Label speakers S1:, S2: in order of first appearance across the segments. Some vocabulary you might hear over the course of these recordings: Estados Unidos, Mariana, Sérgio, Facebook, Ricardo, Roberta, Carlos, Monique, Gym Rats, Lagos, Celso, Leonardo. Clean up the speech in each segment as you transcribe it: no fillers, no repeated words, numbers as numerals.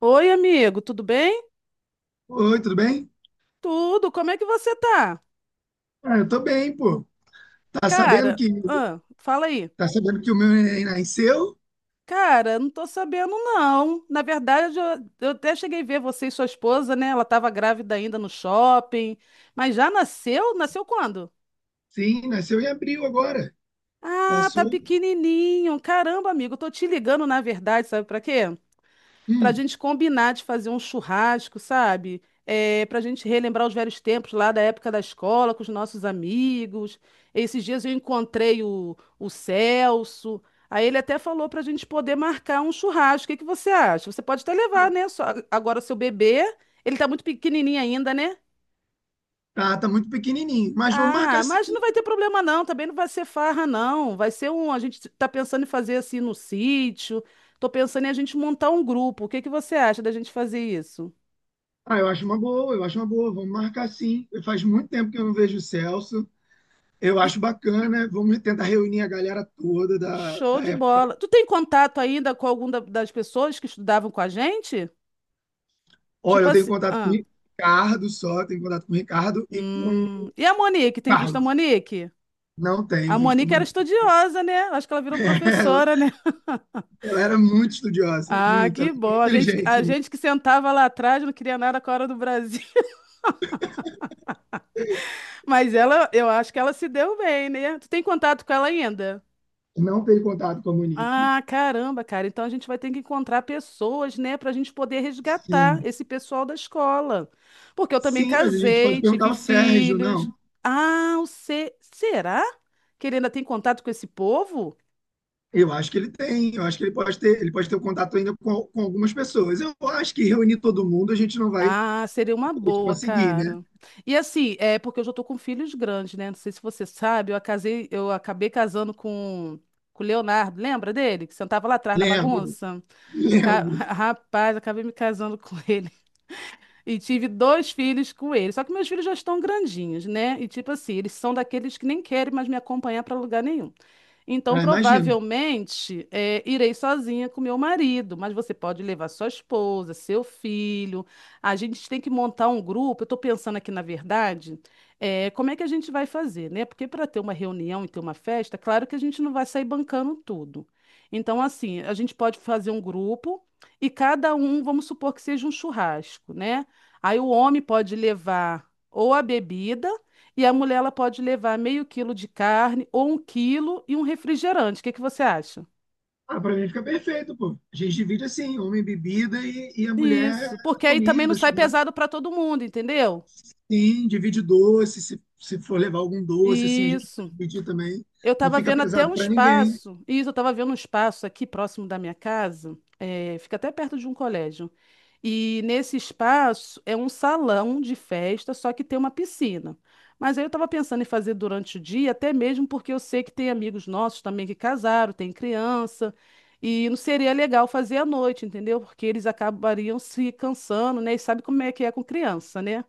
S1: Oi, amigo, tudo bem?
S2: Oi, tudo bem?
S1: Tudo, como é que você tá?
S2: Ah, eu tô bem, pô. Tá sabendo
S1: Cara,
S2: que
S1: ah, fala aí.
S2: tá sabendo que o meu neném nasceu?
S1: Cara, não tô sabendo não. Na verdade, eu até cheguei a ver você e sua esposa, né? Ela tava grávida ainda no shopping, mas já nasceu? Nasceu quando?
S2: Sim, nasceu em abril agora.
S1: Ah, tá
S2: Passou.
S1: pequenininho. Caramba, amigo, eu tô te ligando na verdade, sabe pra quê? Para a
S2: Hum,
S1: gente combinar de fazer um churrasco, sabe? É, para a gente relembrar os velhos tempos lá da época da escola, com os nossos amigos. Esses dias eu encontrei o Celso. Aí ele até falou para a gente poder marcar um churrasco. O que que você acha? Você pode até
S2: tá,
S1: levar, né? Só, agora seu bebê, ele tá muito pequenininho ainda, né?
S2: tá muito pequenininho, mas vamos marcar
S1: Ah,
S2: sim.
S1: mas não vai ter problema não, também não vai ser farra não, vai ser um, a gente tá pensando em fazer assim no sítio, tô pensando em a gente montar um grupo, o que que você acha da gente fazer isso?
S2: Ah, eu acho uma boa, eu acho uma boa. Vamos marcar sim. Faz muito tempo que eu não vejo o Celso. Eu acho bacana. Vamos tentar reunir a galera toda da,
S1: Show
S2: da
S1: de
S2: época.
S1: bola. Tu tem contato ainda com alguma das pessoas que estudavam com a gente?
S2: Olha,
S1: Tipo
S2: eu tenho
S1: assim.
S2: contato com o
S1: Ah,
S2: Ricardo só, tenho contato com o Ricardo e com o
S1: hum. E a Monique? Tem visto a
S2: Carlos.
S1: Monique?
S2: Não tenho
S1: A
S2: visto o
S1: Monique era
S2: Monique.
S1: estudiosa, né? Acho que ela virou professora, né?
S2: Ela era muito estudiosa,
S1: Ah,
S2: muito, ela
S1: que
S2: era muito
S1: bom. A gente, a
S2: inteligente, né?
S1: gente que sentava lá atrás não queria nada com a hora do Brasil. Mas ela, eu acho que ela se deu bem, né? Tu tem contato com ela ainda?
S2: Não teve contato com a Monique.
S1: Ah, caramba, cara. Então a gente vai ter que encontrar pessoas, né, para a gente poder resgatar
S2: Sim.
S1: esse pessoal da escola. Porque eu também
S2: Sim, mas a gente pode
S1: casei,
S2: perguntar
S1: tive
S2: ao Sérgio,
S1: filhos.
S2: não.
S1: Ah, o se... será que ele ainda tem contato com esse povo?
S2: Eu acho que ele tem, eu acho que ele pode ter o contato ainda com algumas pessoas. Eu acho que reunir todo mundo a gente não vai
S1: Ah, seria uma
S2: a gente
S1: boa,
S2: conseguir, né?
S1: cara. E assim, é porque eu já tô com filhos grandes, né? Não sei se você sabe, eu casei, eu acabei casando com o Leonardo, lembra dele? Que sentava lá atrás na
S2: Lembro,
S1: bagunça?
S2: lembro.
S1: Rapaz, acabei me casando com ele. E tive dois filhos com ele. Só que meus filhos já estão grandinhos, né? E tipo assim, eles são daqueles que nem querem mais me acompanhar para lugar nenhum. Então,
S2: Ah, imagino.
S1: provavelmente, é, irei sozinha com meu marido, mas você pode levar sua esposa, seu filho. A gente tem que montar um grupo. Eu estou pensando aqui, na verdade, é, como é que a gente vai fazer, né? Porque para ter uma reunião e ter uma festa, claro que a gente não vai sair bancando tudo. Então, assim, a gente pode fazer um grupo e cada um, vamos supor que seja um churrasco, né? Aí o homem pode levar ou a bebida. E a mulher ela pode levar meio quilo de carne ou um quilo e um refrigerante. O que que você acha?
S2: Ah, pra mim fica perfeito, pô. A gente divide assim, homem bebida e a mulher
S1: Isso,
S2: a
S1: porque aí também não
S2: comida,
S1: sai
S2: churrasco.
S1: pesado para todo mundo, entendeu?
S2: Sim, divide doce, se for levar algum doce, assim, a gente pode
S1: Isso.
S2: dividir também.
S1: Eu
S2: Não
S1: estava
S2: fica
S1: vendo até
S2: pesado
S1: um
S2: para ninguém.
S1: espaço, isso, eu estava vendo um espaço aqui próximo da minha casa, fica até perto de um colégio. E nesse espaço é um salão de festa, só que tem uma piscina. Mas aí eu estava pensando em fazer durante o dia, até mesmo porque eu sei que tem amigos nossos também que casaram, tem criança, e não seria legal fazer à noite, entendeu? Porque eles acabariam se cansando, né? E sabe como é que é com criança, né?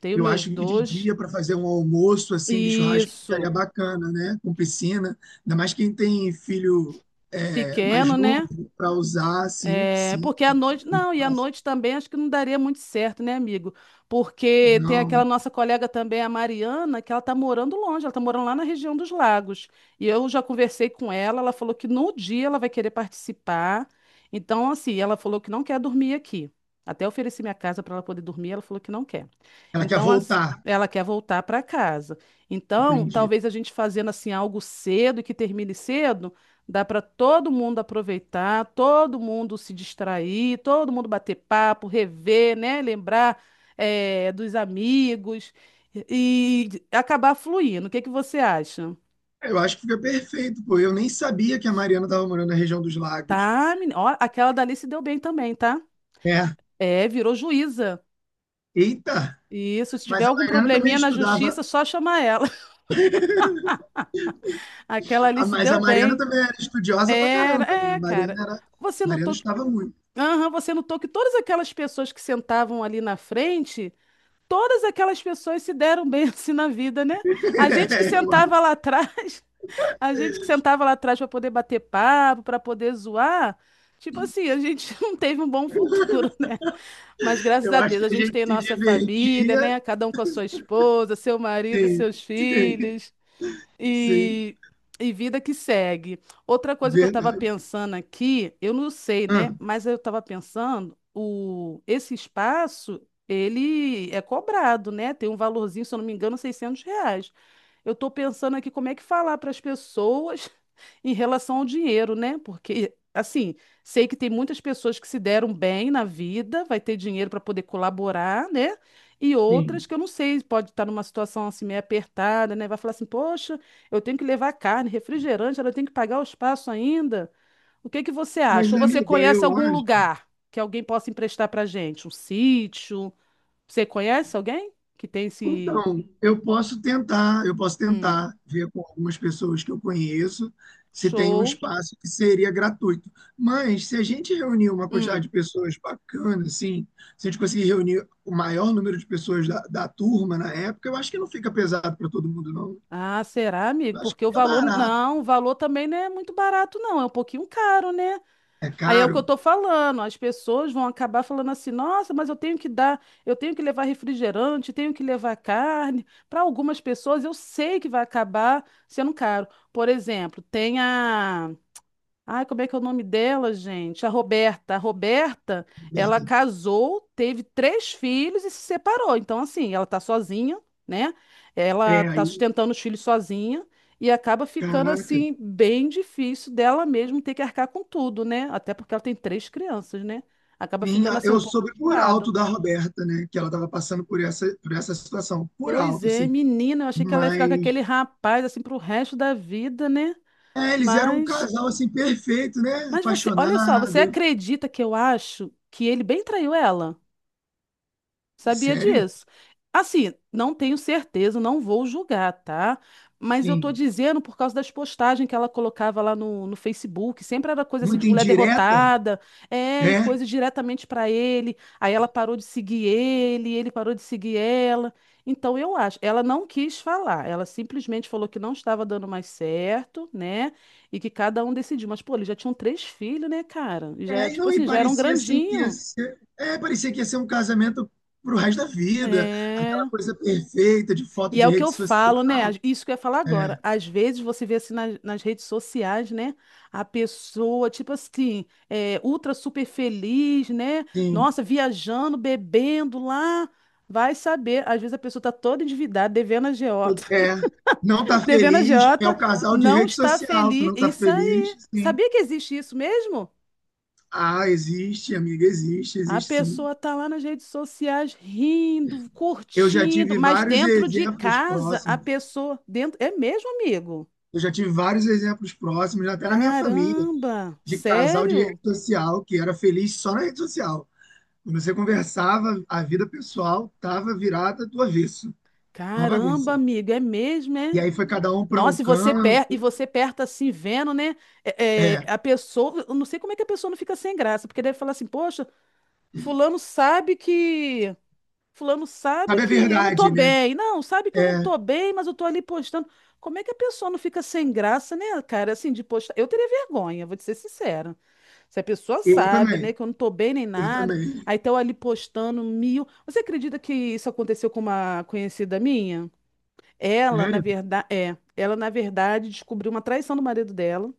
S1: Tenho
S2: Eu
S1: meus
S2: acho que de
S1: dois,
S2: dia para fazer um almoço assim de churrasco ficaria
S1: isso,
S2: bacana, né? Com piscina, ainda mais quem tem filho é, mais
S1: pequeno, né?
S2: novo para usar, assim,
S1: É,
S2: piscina.
S1: porque à noite, não, e à
S2: Espaço.
S1: noite também acho que não daria muito certo, né, amigo? Porque tem aquela
S2: Não,
S1: nossa colega também, a Mariana, que ela tá morando longe, ela tá morando lá na região dos Lagos. E eu já conversei com ela, ela falou que no dia ela vai querer participar. Então, assim, ela falou que não quer dormir aqui. Até ofereci minha casa para ela poder dormir, ela falou que não quer.
S2: ela quer
S1: Então, assim,
S2: voltar,
S1: ela quer voltar para casa. Então,
S2: entendi.
S1: talvez a gente fazendo assim algo cedo e que termine cedo. Dá para todo mundo aproveitar, todo mundo se distrair, todo mundo bater papo, rever, né? Lembrar, dos amigos e acabar fluindo. O que que você acha?
S2: Eu acho que fica perfeito, pô. Eu nem sabia que a Mariana estava morando na região dos lagos.
S1: Tá, menina. Ó, aquela dali se deu bem também, tá?
S2: É.
S1: É, virou juíza.
S2: Eita!
S1: Isso, se tiver
S2: Mas a
S1: algum
S2: Mariana também
S1: probleminha na
S2: estudava.
S1: justiça, só chamar ela. Aquela ali
S2: Ah,
S1: se
S2: mas
S1: deu
S2: a Mariana
S1: bem.
S2: também era estudiosa pra
S1: Era,
S2: caramba, né? A
S1: é,
S2: Mariana
S1: cara.
S2: era. A
S1: Você
S2: Mariana
S1: notou que,
S2: estudava muito.
S1: aham, você notou que todas aquelas pessoas que sentavam ali na frente. Todas aquelas pessoas se deram bem assim na vida, né? A gente que
S2: É,
S1: sentava lá atrás, a gente que sentava lá atrás para poder bater papo, para poder zoar, tipo assim, a gente não teve um bom futuro, né? Mas graças
S2: eu
S1: a
S2: acho
S1: Deus a
S2: que a
S1: gente
S2: gente
S1: tem
S2: se
S1: nossa família,
S2: divertia.
S1: né? Cada um com a sua esposa, seu marido,
S2: Sim,
S1: seus
S2: sim,
S1: filhos.
S2: sim,
S1: E, e vida que segue. Outra coisa que eu estava
S2: verdade.
S1: pensando aqui, eu não sei,
S2: Ah,
S1: né? Mas eu estava pensando, o, esse espaço, ele é cobrado, né? Tem um valorzinho, se eu não me engano, R$ 600. Eu estou pensando aqui como é que falar para as pessoas em relação ao dinheiro, né? Porque, assim, sei que tem muitas pessoas que se deram bem na vida, vai ter dinheiro para poder colaborar, né? E outras
S2: sim.
S1: que eu não sei, pode estar numa situação assim meio apertada, né? Vai falar assim: "Poxa, eu tenho que levar carne, refrigerante, ela tem que pagar o espaço ainda". O que que você acha?
S2: Mas,
S1: Ou você
S2: amiga,
S1: conhece
S2: eu
S1: algum
S2: acho.
S1: lugar que alguém possa emprestar pra gente? Um sítio? Você conhece alguém que tem esse
S2: Então, eu posso
S1: Hum,
S2: tentar ver com algumas pessoas que eu conheço se tem um
S1: show?
S2: espaço que seria gratuito. Mas se a gente reunir uma quantidade
S1: Hum.
S2: de pessoas bacana, assim, se a gente conseguir reunir o maior número de pessoas da turma na época, eu acho que não fica pesado para todo mundo, não.
S1: Ah, será, amigo?
S2: Eu acho
S1: Porque
S2: que
S1: o
S2: fica
S1: valor,
S2: barato.
S1: não, o valor também não é muito barato, não, é um pouquinho caro, né?
S2: É
S1: Aí é o que eu
S2: caro,
S1: tô falando, as pessoas vão acabar falando assim, nossa, mas eu tenho que dar, eu tenho que levar refrigerante, tenho que levar carne. Para algumas pessoas eu sei que vai acabar sendo caro. Por exemplo, tem a Ai, como é que é o nome dela, gente? A Roberta. A Roberta, ela
S2: Roberta.
S1: casou, teve três filhos e se separou. Então, assim, ela tá sozinha, né?
S2: É
S1: Ela tá
S2: aí,
S1: sustentando os filhos sozinha e acaba ficando,
S2: caraca.
S1: assim, bem difícil dela mesmo ter que arcar com tudo, né? Até porque ela tem três crianças, né? Acaba
S2: Sim,
S1: ficando,
S2: a-
S1: assim, um
S2: eu
S1: pouco
S2: soube por
S1: complicado.
S2: alto da Roberta, né? Que ela estava passando por essa situação, por
S1: Pois
S2: alto,
S1: é,
S2: assim.
S1: menina, eu achei que ela ia ficar com
S2: Mas
S1: aquele rapaz, assim, pro resto da vida, né?
S2: é, eles eram um
S1: Mas
S2: casal assim perfeito, né?
S1: Mas você, olha só, você
S2: Apaixonado.
S1: acredita que eu acho que ele bem traiu ela? Sabia
S2: Sério?
S1: disso? Assim, não tenho certeza, não vou julgar, tá? Mas eu tô
S2: Sim.
S1: dizendo por causa das postagens que ela colocava lá no Facebook, sempre era coisa assim de
S2: Muito
S1: mulher
S2: indireta,
S1: derrotada, é, e
S2: né?
S1: coisas diretamente pra ele. Aí ela parou de seguir ele, ele parou de seguir ela. Então eu acho, ela não quis falar, ela simplesmente falou que não estava dando mais certo, né? E que cada um decidiu. Mas, pô, eles já tinham três filhos, né, cara? E já,
S2: É, e
S1: tipo
S2: não, e
S1: assim, já eram
S2: parecia assim que ia
S1: grandinhos.
S2: ser, é, parecia que ia ser um casamento pro resto da vida, aquela
S1: É.
S2: coisa perfeita de foto
S1: E é
S2: de
S1: o que
S2: rede
S1: eu falo, né?
S2: social.
S1: Isso que eu ia falar
S2: É,
S1: agora. Às vezes você vê assim nas redes sociais, né? A pessoa, tipo assim, é, ultra super feliz, né?
S2: sim.
S1: Nossa, viajando, bebendo lá. Vai saber. Às vezes a pessoa tá toda endividada, devendo a agiota.
S2: Todo- é, não tá
S1: Devendo a
S2: feliz, é
S1: agiota,
S2: o casal de
S1: não
S2: rede
S1: está
S2: social que
S1: feliz.
S2: não tá
S1: Isso
S2: feliz,
S1: aí.
S2: sim.
S1: Sabia que existe isso mesmo?
S2: Ah, existe, amiga, existe,
S1: A
S2: existe sim.
S1: pessoa tá lá nas redes sociais rindo,
S2: Eu já
S1: curtindo,
S2: tive
S1: mas
S2: vários
S1: dentro de
S2: exemplos
S1: casa, a
S2: próximos.
S1: pessoa dentro é mesmo, amigo?
S2: Eu já tive vários exemplos próximos, até na minha família,
S1: Caramba!
S2: de casal de
S1: Sério?
S2: rede social que era feliz só na rede social. Quando você conversava, a vida pessoal estava virada do avesso, uma
S1: Caramba,
S2: bagunça.
S1: amigo, é mesmo, é?
S2: E aí foi cada um para um
S1: Nossa, e você, e
S2: canto.
S1: você perto assim, vendo, né? É,
S2: É,
S1: é, a pessoa. Eu não sei como é que a pessoa não fica sem graça, porque deve falar assim, poxa, fulano sabe que. Fulano sabe
S2: sabe a
S1: que eu não tô
S2: verdade, né?
S1: bem. Não, sabe que eu não
S2: É,
S1: tô bem, mas eu tô ali postando. Como é que a pessoa não fica sem graça, né, cara? Assim, de postar. Eu teria vergonha, vou te ser sincera. Se a pessoa
S2: eu
S1: sabe,
S2: também,
S1: né, que eu não tô bem nem
S2: eu
S1: nada,
S2: também.
S1: aí estão ali postando mil. Você acredita que isso aconteceu com uma conhecida minha? Ela, na
S2: Sério?
S1: verdade, é, ela na verdade descobriu uma traição do marido dela.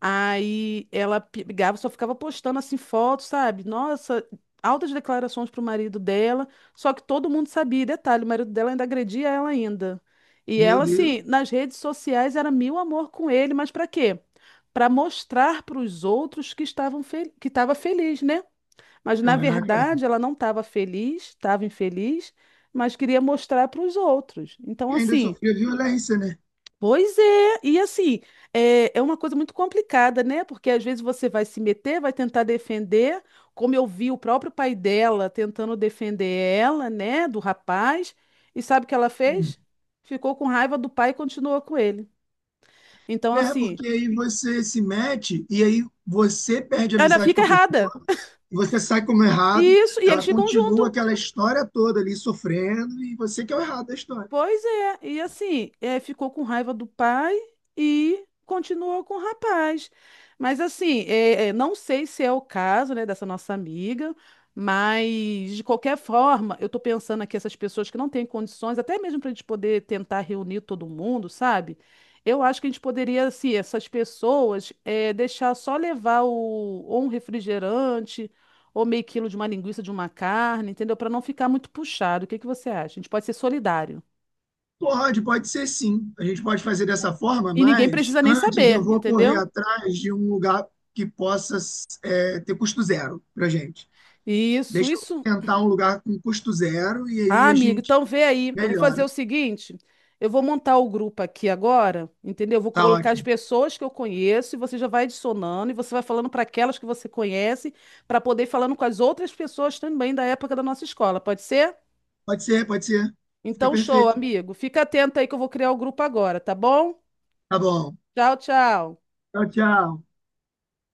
S1: Aí ela pegava, só ficava postando assim fotos, sabe? Nossa, altas declarações pro marido dela, só que todo mundo sabia. E detalhe, o marido dela ainda agredia ela ainda. E
S2: Meu
S1: ela
S2: Deus,
S1: assim, nas redes sociais era mil amor com ele, mas pra quê? Pra mostrar pros outros que estavam fel que estava feliz, né? Mas na
S2: caraca.
S1: verdade ela não estava feliz, estava infeliz, mas queria mostrar para os outros. Então
S2: E ainda
S1: assim,
S2: sofria violência, né?
S1: pois é, e assim, é, é uma coisa muito complicada, né? Porque às vezes você vai se meter, vai tentar defender, como eu vi o próprio pai dela tentando defender ela, né, do rapaz, e sabe o que ela
S2: Hum.
S1: fez? Ficou com raiva do pai e continuou com ele. Então,
S2: É,
S1: assim,
S2: porque aí você se mete e aí você perde a
S1: ela
S2: amizade com
S1: fica
S2: a
S1: errada.
S2: pessoa. E você sai como errado,
S1: Isso, e eles
S2: ela
S1: ficam
S2: continua
S1: juntos.
S2: aquela história toda ali sofrendo e você que é o errado da história.
S1: Pois é, e assim, é, ficou com raiva do pai e continuou com o rapaz. Mas assim, é, é, não sei se é o caso, né, dessa nossa amiga, mas de qualquer forma, eu tô pensando aqui essas pessoas que não têm condições, até mesmo para a gente poder tentar reunir todo mundo, sabe? Eu acho que a gente poderia, assim, essas pessoas é, deixar só levar o, ou um refrigerante ou meio quilo de uma linguiça, de uma carne, entendeu? Para não ficar muito puxado. O que que você acha? A gente pode ser solidário
S2: Pode, pode ser sim. A gente pode fazer
S1: né?
S2: dessa forma,
S1: E ninguém
S2: mas
S1: precisa nem
S2: antes eu
S1: saber,
S2: vou correr
S1: entendeu?
S2: atrás de um lugar que possa é, ter custo zero pra gente.
S1: Isso,
S2: Deixa eu
S1: isso.
S2: tentar um lugar com custo zero e aí
S1: Ah,
S2: a
S1: amigo,
S2: gente
S1: então vê aí. Eu vou fazer o
S2: melhora.
S1: seguinte: eu vou montar o grupo aqui agora, entendeu? Eu vou
S2: Tá
S1: colocar as
S2: ótimo.
S1: pessoas que eu conheço e você já vai adicionando e você vai falando para aquelas que você conhece, para poder ir falando com as outras pessoas também da época da nossa escola, pode ser?
S2: Pode ser, pode ser. Fica
S1: Então, show,
S2: perfeito.
S1: amigo. Fica atento aí que eu vou criar o grupo agora, tá bom?
S2: Tá bom.
S1: Tchau, tchau.
S2: Tchau, tchau.